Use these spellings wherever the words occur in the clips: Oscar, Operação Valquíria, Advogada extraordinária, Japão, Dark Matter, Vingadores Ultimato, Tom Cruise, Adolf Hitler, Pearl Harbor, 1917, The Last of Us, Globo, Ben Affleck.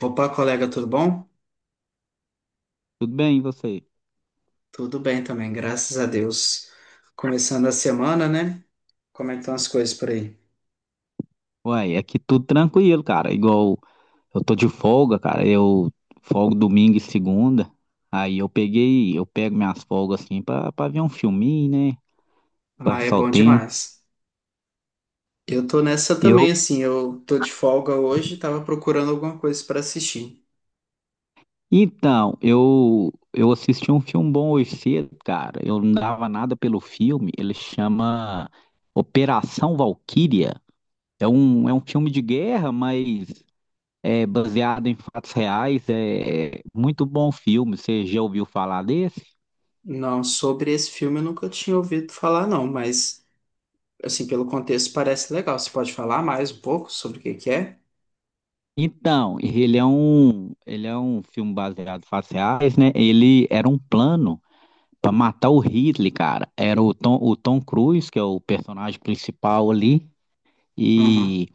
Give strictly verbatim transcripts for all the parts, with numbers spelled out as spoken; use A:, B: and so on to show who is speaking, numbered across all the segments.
A: Opa, colega, tudo bom?
B: Tudo bem, e você?
A: Tudo bem também, graças a Deus. Começando a semana, né? Como é que estão as coisas por aí?
B: Uai, aqui tudo tranquilo, cara. Igual eu tô de folga, cara. Eu folgo domingo e segunda. Aí eu peguei, eu pego minhas folgas assim pra, pra ver um filminho, né?
A: Ah, é
B: Passar o
A: bom
B: tempo.
A: demais. Eu tô nessa
B: Eu,
A: também, assim, eu tô de folga hoje, tava procurando alguma coisa para assistir.
B: então, eu eu assisti um filme bom hoje cedo, cara. Eu não dava nada pelo filme. Ele chama Operação Valquíria. É um, é um filme de guerra, mas é baseado em fatos reais. É é muito bom filme. Você já ouviu falar desse?
A: Não, sobre esse filme eu nunca tinha ouvido falar, não, mas, assim, pelo contexto parece legal. Você pode falar mais um pouco sobre o que que é?
B: Então, ele é um, ele é um filme baseado em fatos reais, né? Ele era um plano para matar o Hitler, cara. Era o Tom, o Tom Cruise, que é o personagem principal ali,
A: Aham.
B: e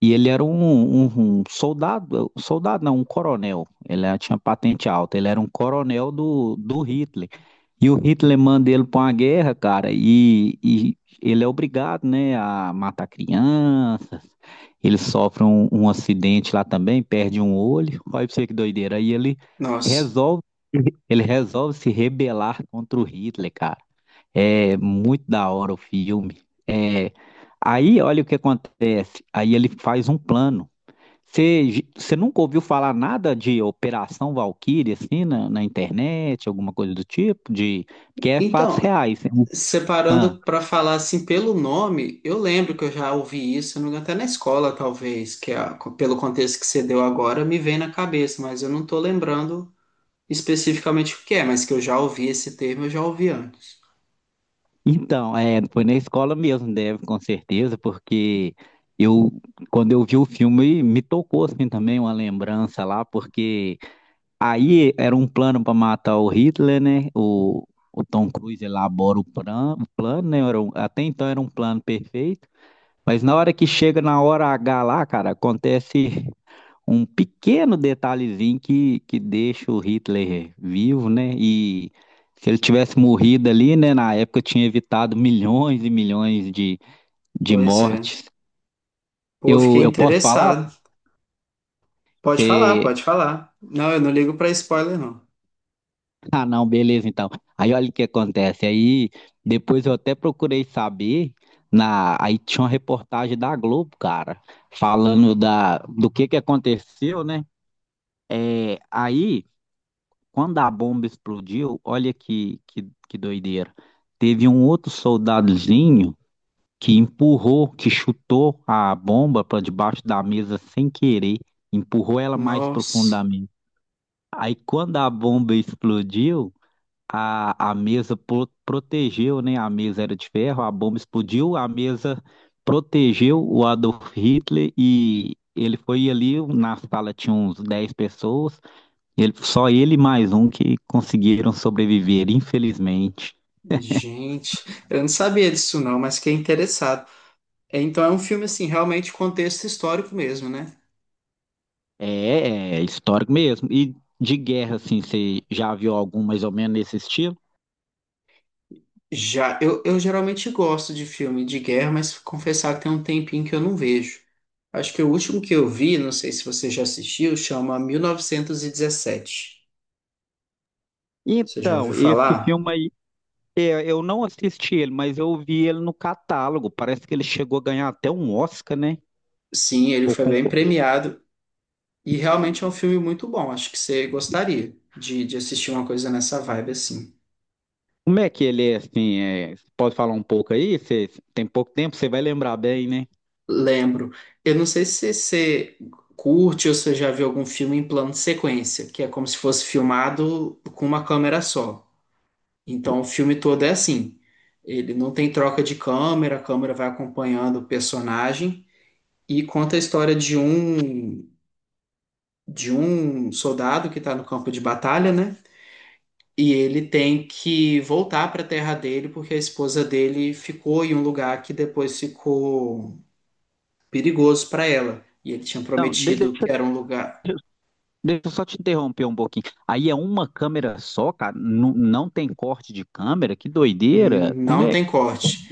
B: e ele era um, um- um soldado, soldado não, um coronel. Ele era- tinha patente alta, ele era um coronel do, do Hitler. E o Hitler manda ele para uma guerra, cara, e, e ele é obrigado, né, a matar crianças. Ele sofre um, um acidente lá também, perde um olho. Olha pra você que doideira. Aí ele
A: Nossa.
B: resolve, ele resolve se rebelar contra o Hitler, cara. É muito da hora o filme. É, aí, olha o que acontece. Aí ele faz um plano. Você você nunca ouviu falar nada de Operação Valkyrie, assim, na, na internet, alguma coisa do tipo? De, que é fatos
A: Então,
B: reais, né? Ah,
A: Separando para falar assim pelo nome, eu lembro que eu já ouvi isso, se não me engano, até na escola, talvez, que é a- pelo contexto que você deu agora, me vem na cabeça, mas eu não tô lembrando especificamente o que é, mas que eu já ouvi esse termo, eu já ouvi antes.
B: então, é, foi na escola mesmo, deve, com certeza, porque eu, quando eu vi o filme, me tocou, assim, também uma lembrança lá, porque aí era um plano para matar o Hitler, né? O, o Tom Cruise elabora o, plan, o plano, né? Era um- até então era um plano perfeito. Mas na hora que chega na hora H lá, cara, acontece um pequeno detalhezinho que, que deixa o Hitler vivo, né? E se ele tivesse morrido ali, né? Na época tinha evitado milhões e milhões de, de
A: Pois é.
B: mortes.
A: Pô, eu fiquei
B: Eu, eu posso falar?
A: interessado. Pode falar, pode falar. Não, eu não ligo para spoiler, não.
B: Ah, não, beleza, então. Aí olha o que acontece. Aí depois eu até procurei saber na, aí tinha uma reportagem da Globo, cara, falando da do que que aconteceu, né? É, aí quando a bomba explodiu, olha que que, que doideira. Teve um outro soldadozinho que empurrou, que chutou a bomba para debaixo da mesa sem querer, empurrou ela mais
A: Nossa,
B: profundamente. Aí quando a bomba explodiu a, a mesa pro- protegeu, né? A mesa era de ferro, a bomba explodiu, a mesa protegeu o Adolf Hitler e ele foi ali, na sala tinha uns dez pessoas, ele, só ele e mais um que conseguiram sobreviver, infelizmente.
A: gente, eu não sabia disso não, mas fiquei interessado. É, Então é um filme assim, realmente contexto histórico mesmo, né?
B: É, é é histórico mesmo. E de guerra, assim, você já viu algum mais ou menos nesse estilo?
A: Já, eu, eu geralmente gosto de filme de guerra, mas confessar que tem um tempinho que eu não vejo. Acho que o último que eu vi, não sei se você já assistiu, chama mil novecentos e dezessete. Você já ouviu
B: Então, esse
A: falar?
B: filme aí, é, eu não assisti ele, mas eu vi ele no catálogo. Parece que ele chegou a ganhar até um Oscar, né?
A: Sim, ele
B: Ou
A: foi bem
B: concorreu.
A: premiado e realmente é um filme muito bom. Acho que você gostaria de, de assistir uma coisa nessa vibe assim.
B: Como é que ele é assim? É, pode falar um pouco aí? Você tem pouco tempo, você vai lembrar bem, né?
A: Lembro. Eu não sei se você curte ou se você já viu algum filme em plano de sequência, que é como se fosse filmado com uma câmera só. Então, o filme todo é assim. Ele não tem troca de câmera, a câmera vai acompanhando o personagem e conta a história de um de um soldado que está no campo de batalha, né? E ele tem que voltar para a terra dele porque a esposa dele ficou em um lugar que depois ficou perigoso para ela. E ele tinha
B: Não, de-
A: prometido
B: deixa,
A: que era um lugar.
B: deixa eu só te interromper um pouquinho. Aí é uma câmera só, cara? Nu- Não, tem corte de câmera? Que doideira! Como
A: Não
B: é?
A: tem corte.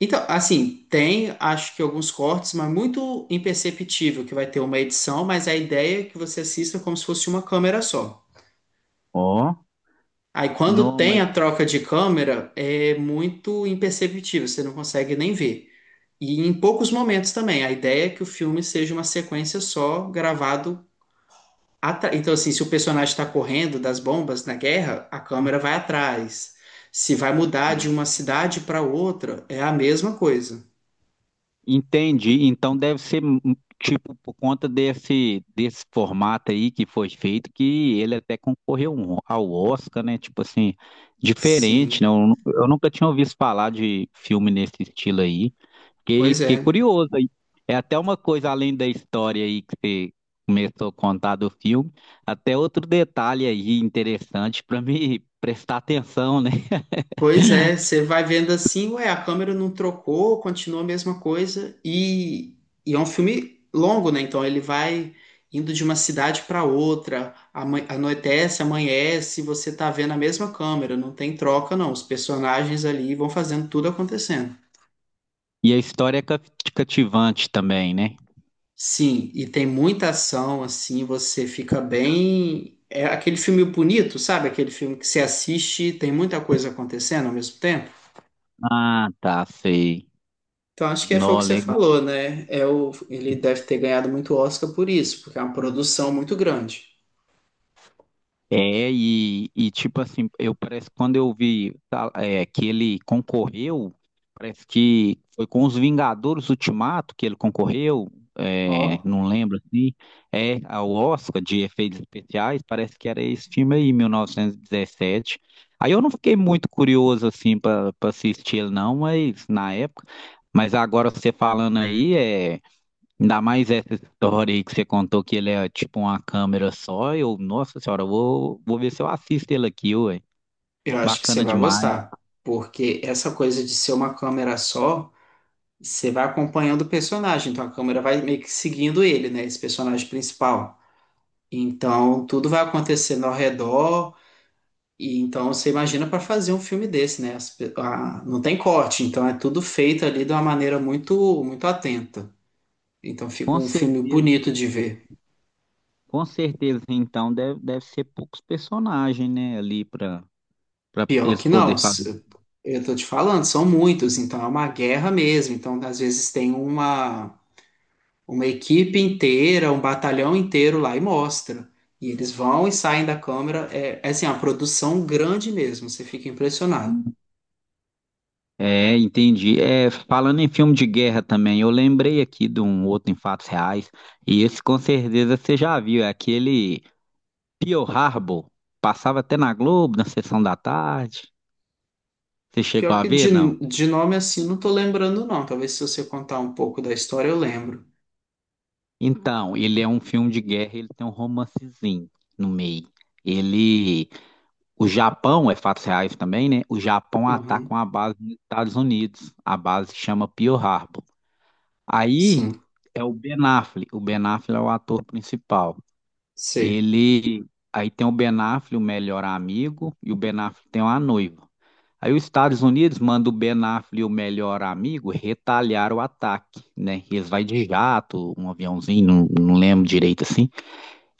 A: Então, assim, tem acho que alguns cortes, mas muito imperceptível que vai ter uma edição, mas a ideia é que você assista como se fosse uma câmera só.
B: Ó,
A: Aí quando
B: não,
A: tem
B: mas.
A: a troca de câmera, é muito imperceptível, você não consegue nem ver. E em poucos momentos também, a ideia é que o filme seja uma sequência só, gravado atrás. Então, assim, se o personagem está correndo das bombas na guerra, a câmera vai atrás. Se vai mudar de uma cidade para outra, é a mesma coisa.
B: Entendi. Então deve ser hum, tipo por conta desse desse formato aí que foi feito que ele até concorreu um- ao Oscar, né? Tipo assim, diferente, né?
A: Sim,
B: Eu, nu- eu nunca tinha ouvido falar de filme nesse estilo aí. Fiquei,
A: pois
B: fiquei
A: é.
B: curioso aí. É até uma coisa além da história aí que você começou a contar do filme, até outro detalhe aí interessante para me prestar atenção, né?
A: Pois é, você vai vendo assim, ué, a câmera não trocou, continua a mesma coisa. E, e é um filme longo, né? Então ele vai indo de uma cidade para outra, ama- anoitece, amanhece, você tá vendo a mesma câmera, não tem troca, não. Os personagens ali vão fazendo tudo acontecendo.
B: E a história é ca- cativante também, né?
A: Sim, e tem muita ação, assim, você fica bem. É aquele filme bonito, sabe? Aquele filme que você assiste, e tem muita coisa acontecendo ao mesmo tempo.
B: Ah, tá, sei.
A: Então, acho que é, foi o
B: Não,
A: que você
B: legal.
A: falou, né? É o, ele deve ter ganhado muito Oscar por isso, porque é uma produção muito grande.
B: É, e, e tipo assim, eu parece que quando eu vi tá, é, que ele concorreu, parece que foi com os Vingadores Ultimato que ele concorreu, é,
A: Ó,
B: não lembro assim, é ao Oscar de efeitos especiais, parece que era esse filme aí, mil novecentos e dezessete. Aí eu não fiquei muito curioso assim para assistir ele não, mas na época, mas agora você falando aí, é. Ainda mais essa história aí que você contou que ele é tipo uma câmera só. Eu, nossa senhora, eu vou, vou ver se eu assisto ele aqui, ué.
A: eu acho que você
B: Bacana
A: vai
B: demais.
A: gostar, porque essa coisa de ser uma câmera só, você vai acompanhando o personagem, então a câmera vai meio que seguindo ele, né? Esse personagem principal. Então, tudo vai acontecendo ao redor, e então você imagina para fazer um filme desse, né? As pe- a- não tem corte, então é tudo feito ali de uma maneira muito, muito atenta. Então, fica
B: Com
A: um filme
B: certeza,
A: bonito de ver.
B: com certeza, então, deve, deve ser poucos personagens, né, ali pra, pra
A: Pior
B: eles
A: que não,
B: poder fazer.
A: s- eu tô te falando, são muitos, então é uma guerra mesmo. Então, às vezes, tem uma, uma equipe inteira, um batalhão inteiro lá e mostra. E eles vão e saem da câmera. É, é assim, é uma produção grande mesmo, você fica impressionado.
B: É, entendi. É, falando em filme de guerra também, eu lembrei aqui de um outro em fatos reais. E esse com certeza você já viu, é aquele Pearl Harbor. Passava até na Globo, na sessão da tarde. Você chegou
A: Pior
B: a
A: que
B: ver, não?
A: de, de nome assim, não tô lembrando, não. Talvez se você contar um pouco da história, eu lembro.
B: Então, ele é um filme de guerra, ele tem um romancezinho no meio. Ele, o Japão, é fatos reais também, né? O Japão ataca
A: Uhum.
B: uma base nos Estados Unidos. A base chama Pearl Harbor. Aí
A: Sim,
B: é o Ben Affleck. O Ben Affleck é o ator principal.
A: sei.
B: Ele, aí tem o Ben Affleck, o melhor amigo, e o Ben Affleck tem uma noiva. Aí os Estados Unidos mandam o Ben Affleck e o melhor amigo retalhar o ataque, né? Eles vai de jato, um aviãozinho, não, não lembro direito assim.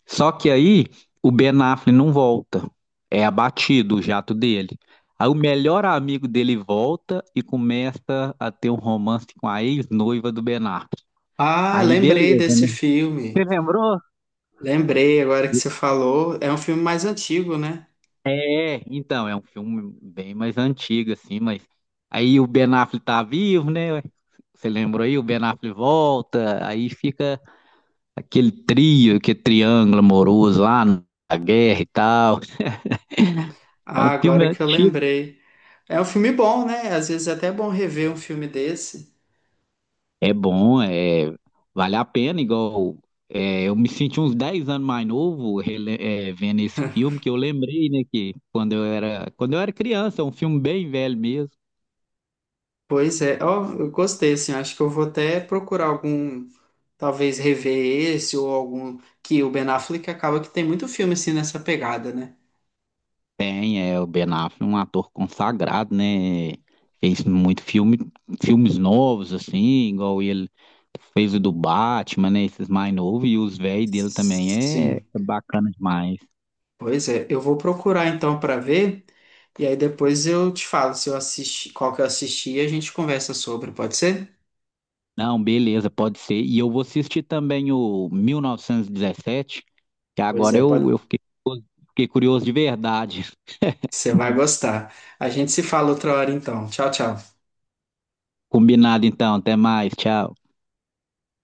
B: Só que aí o Ben Affleck não volta. É abatido o jato dele. Aí o melhor amigo dele volta e começa a ter um romance com a ex-noiva do Ben Affleck.
A: Ah,
B: Aí
A: lembrei
B: beleza,
A: desse
B: né? Você
A: filme.
B: lembrou?
A: Lembrei agora que você falou. É um filme mais antigo, né?
B: É, então, é um filme bem mais antigo, assim, mas aí o Ben Affleck tá vivo, né? Você lembrou aí? O Ben Affleck volta, aí fica aquele trio, aquele triângulo amoroso lá na guerra e tal. É
A: Ah,
B: um filme
A: agora que eu
B: antigo.
A: lembrei. É um filme bom, né? Às vezes é até bom rever um filme desse.
B: É bom, é, vale a pena, igual é, eu me senti uns dez anos mais novo rele- é, vendo esse filme, que eu lembrei, né, que quando eu era, quando eu era criança, é um filme bem velho mesmo.
A: Pois é, ó, eu gostei, assim, acho que eu vou até procurar algum, talvez rever esse ou algum que o Ben Affleck acaba que tem muito filme assim nessa pegada, né?
B: Tem, é, o Ben Affleck, um ator consagrado, né, fez muito filme, filmes novos, assim, igual ele fez o do Batman, né, esses mais novos, e os velhos dele também é,
A: Sim,
B: é bacana demais.
A: pois é, eu vou procurar então para ver e aí depois eu te falo se eu assisti, qual que eu assisti e a gente conversa sobre, pode ser?
B: Não, beleza, pode ser. E eu vou assistir também o mil novecentos e dezessete, que
A: Pois
B: agora
A: é,
B: eu,
A: pode,
B: eu fiquei, fiquei curioso de verdade.
A: você vai gostar. A gente se fala outra hora então. Tchau, tchau.
B: Combinado então, até mais, tchau.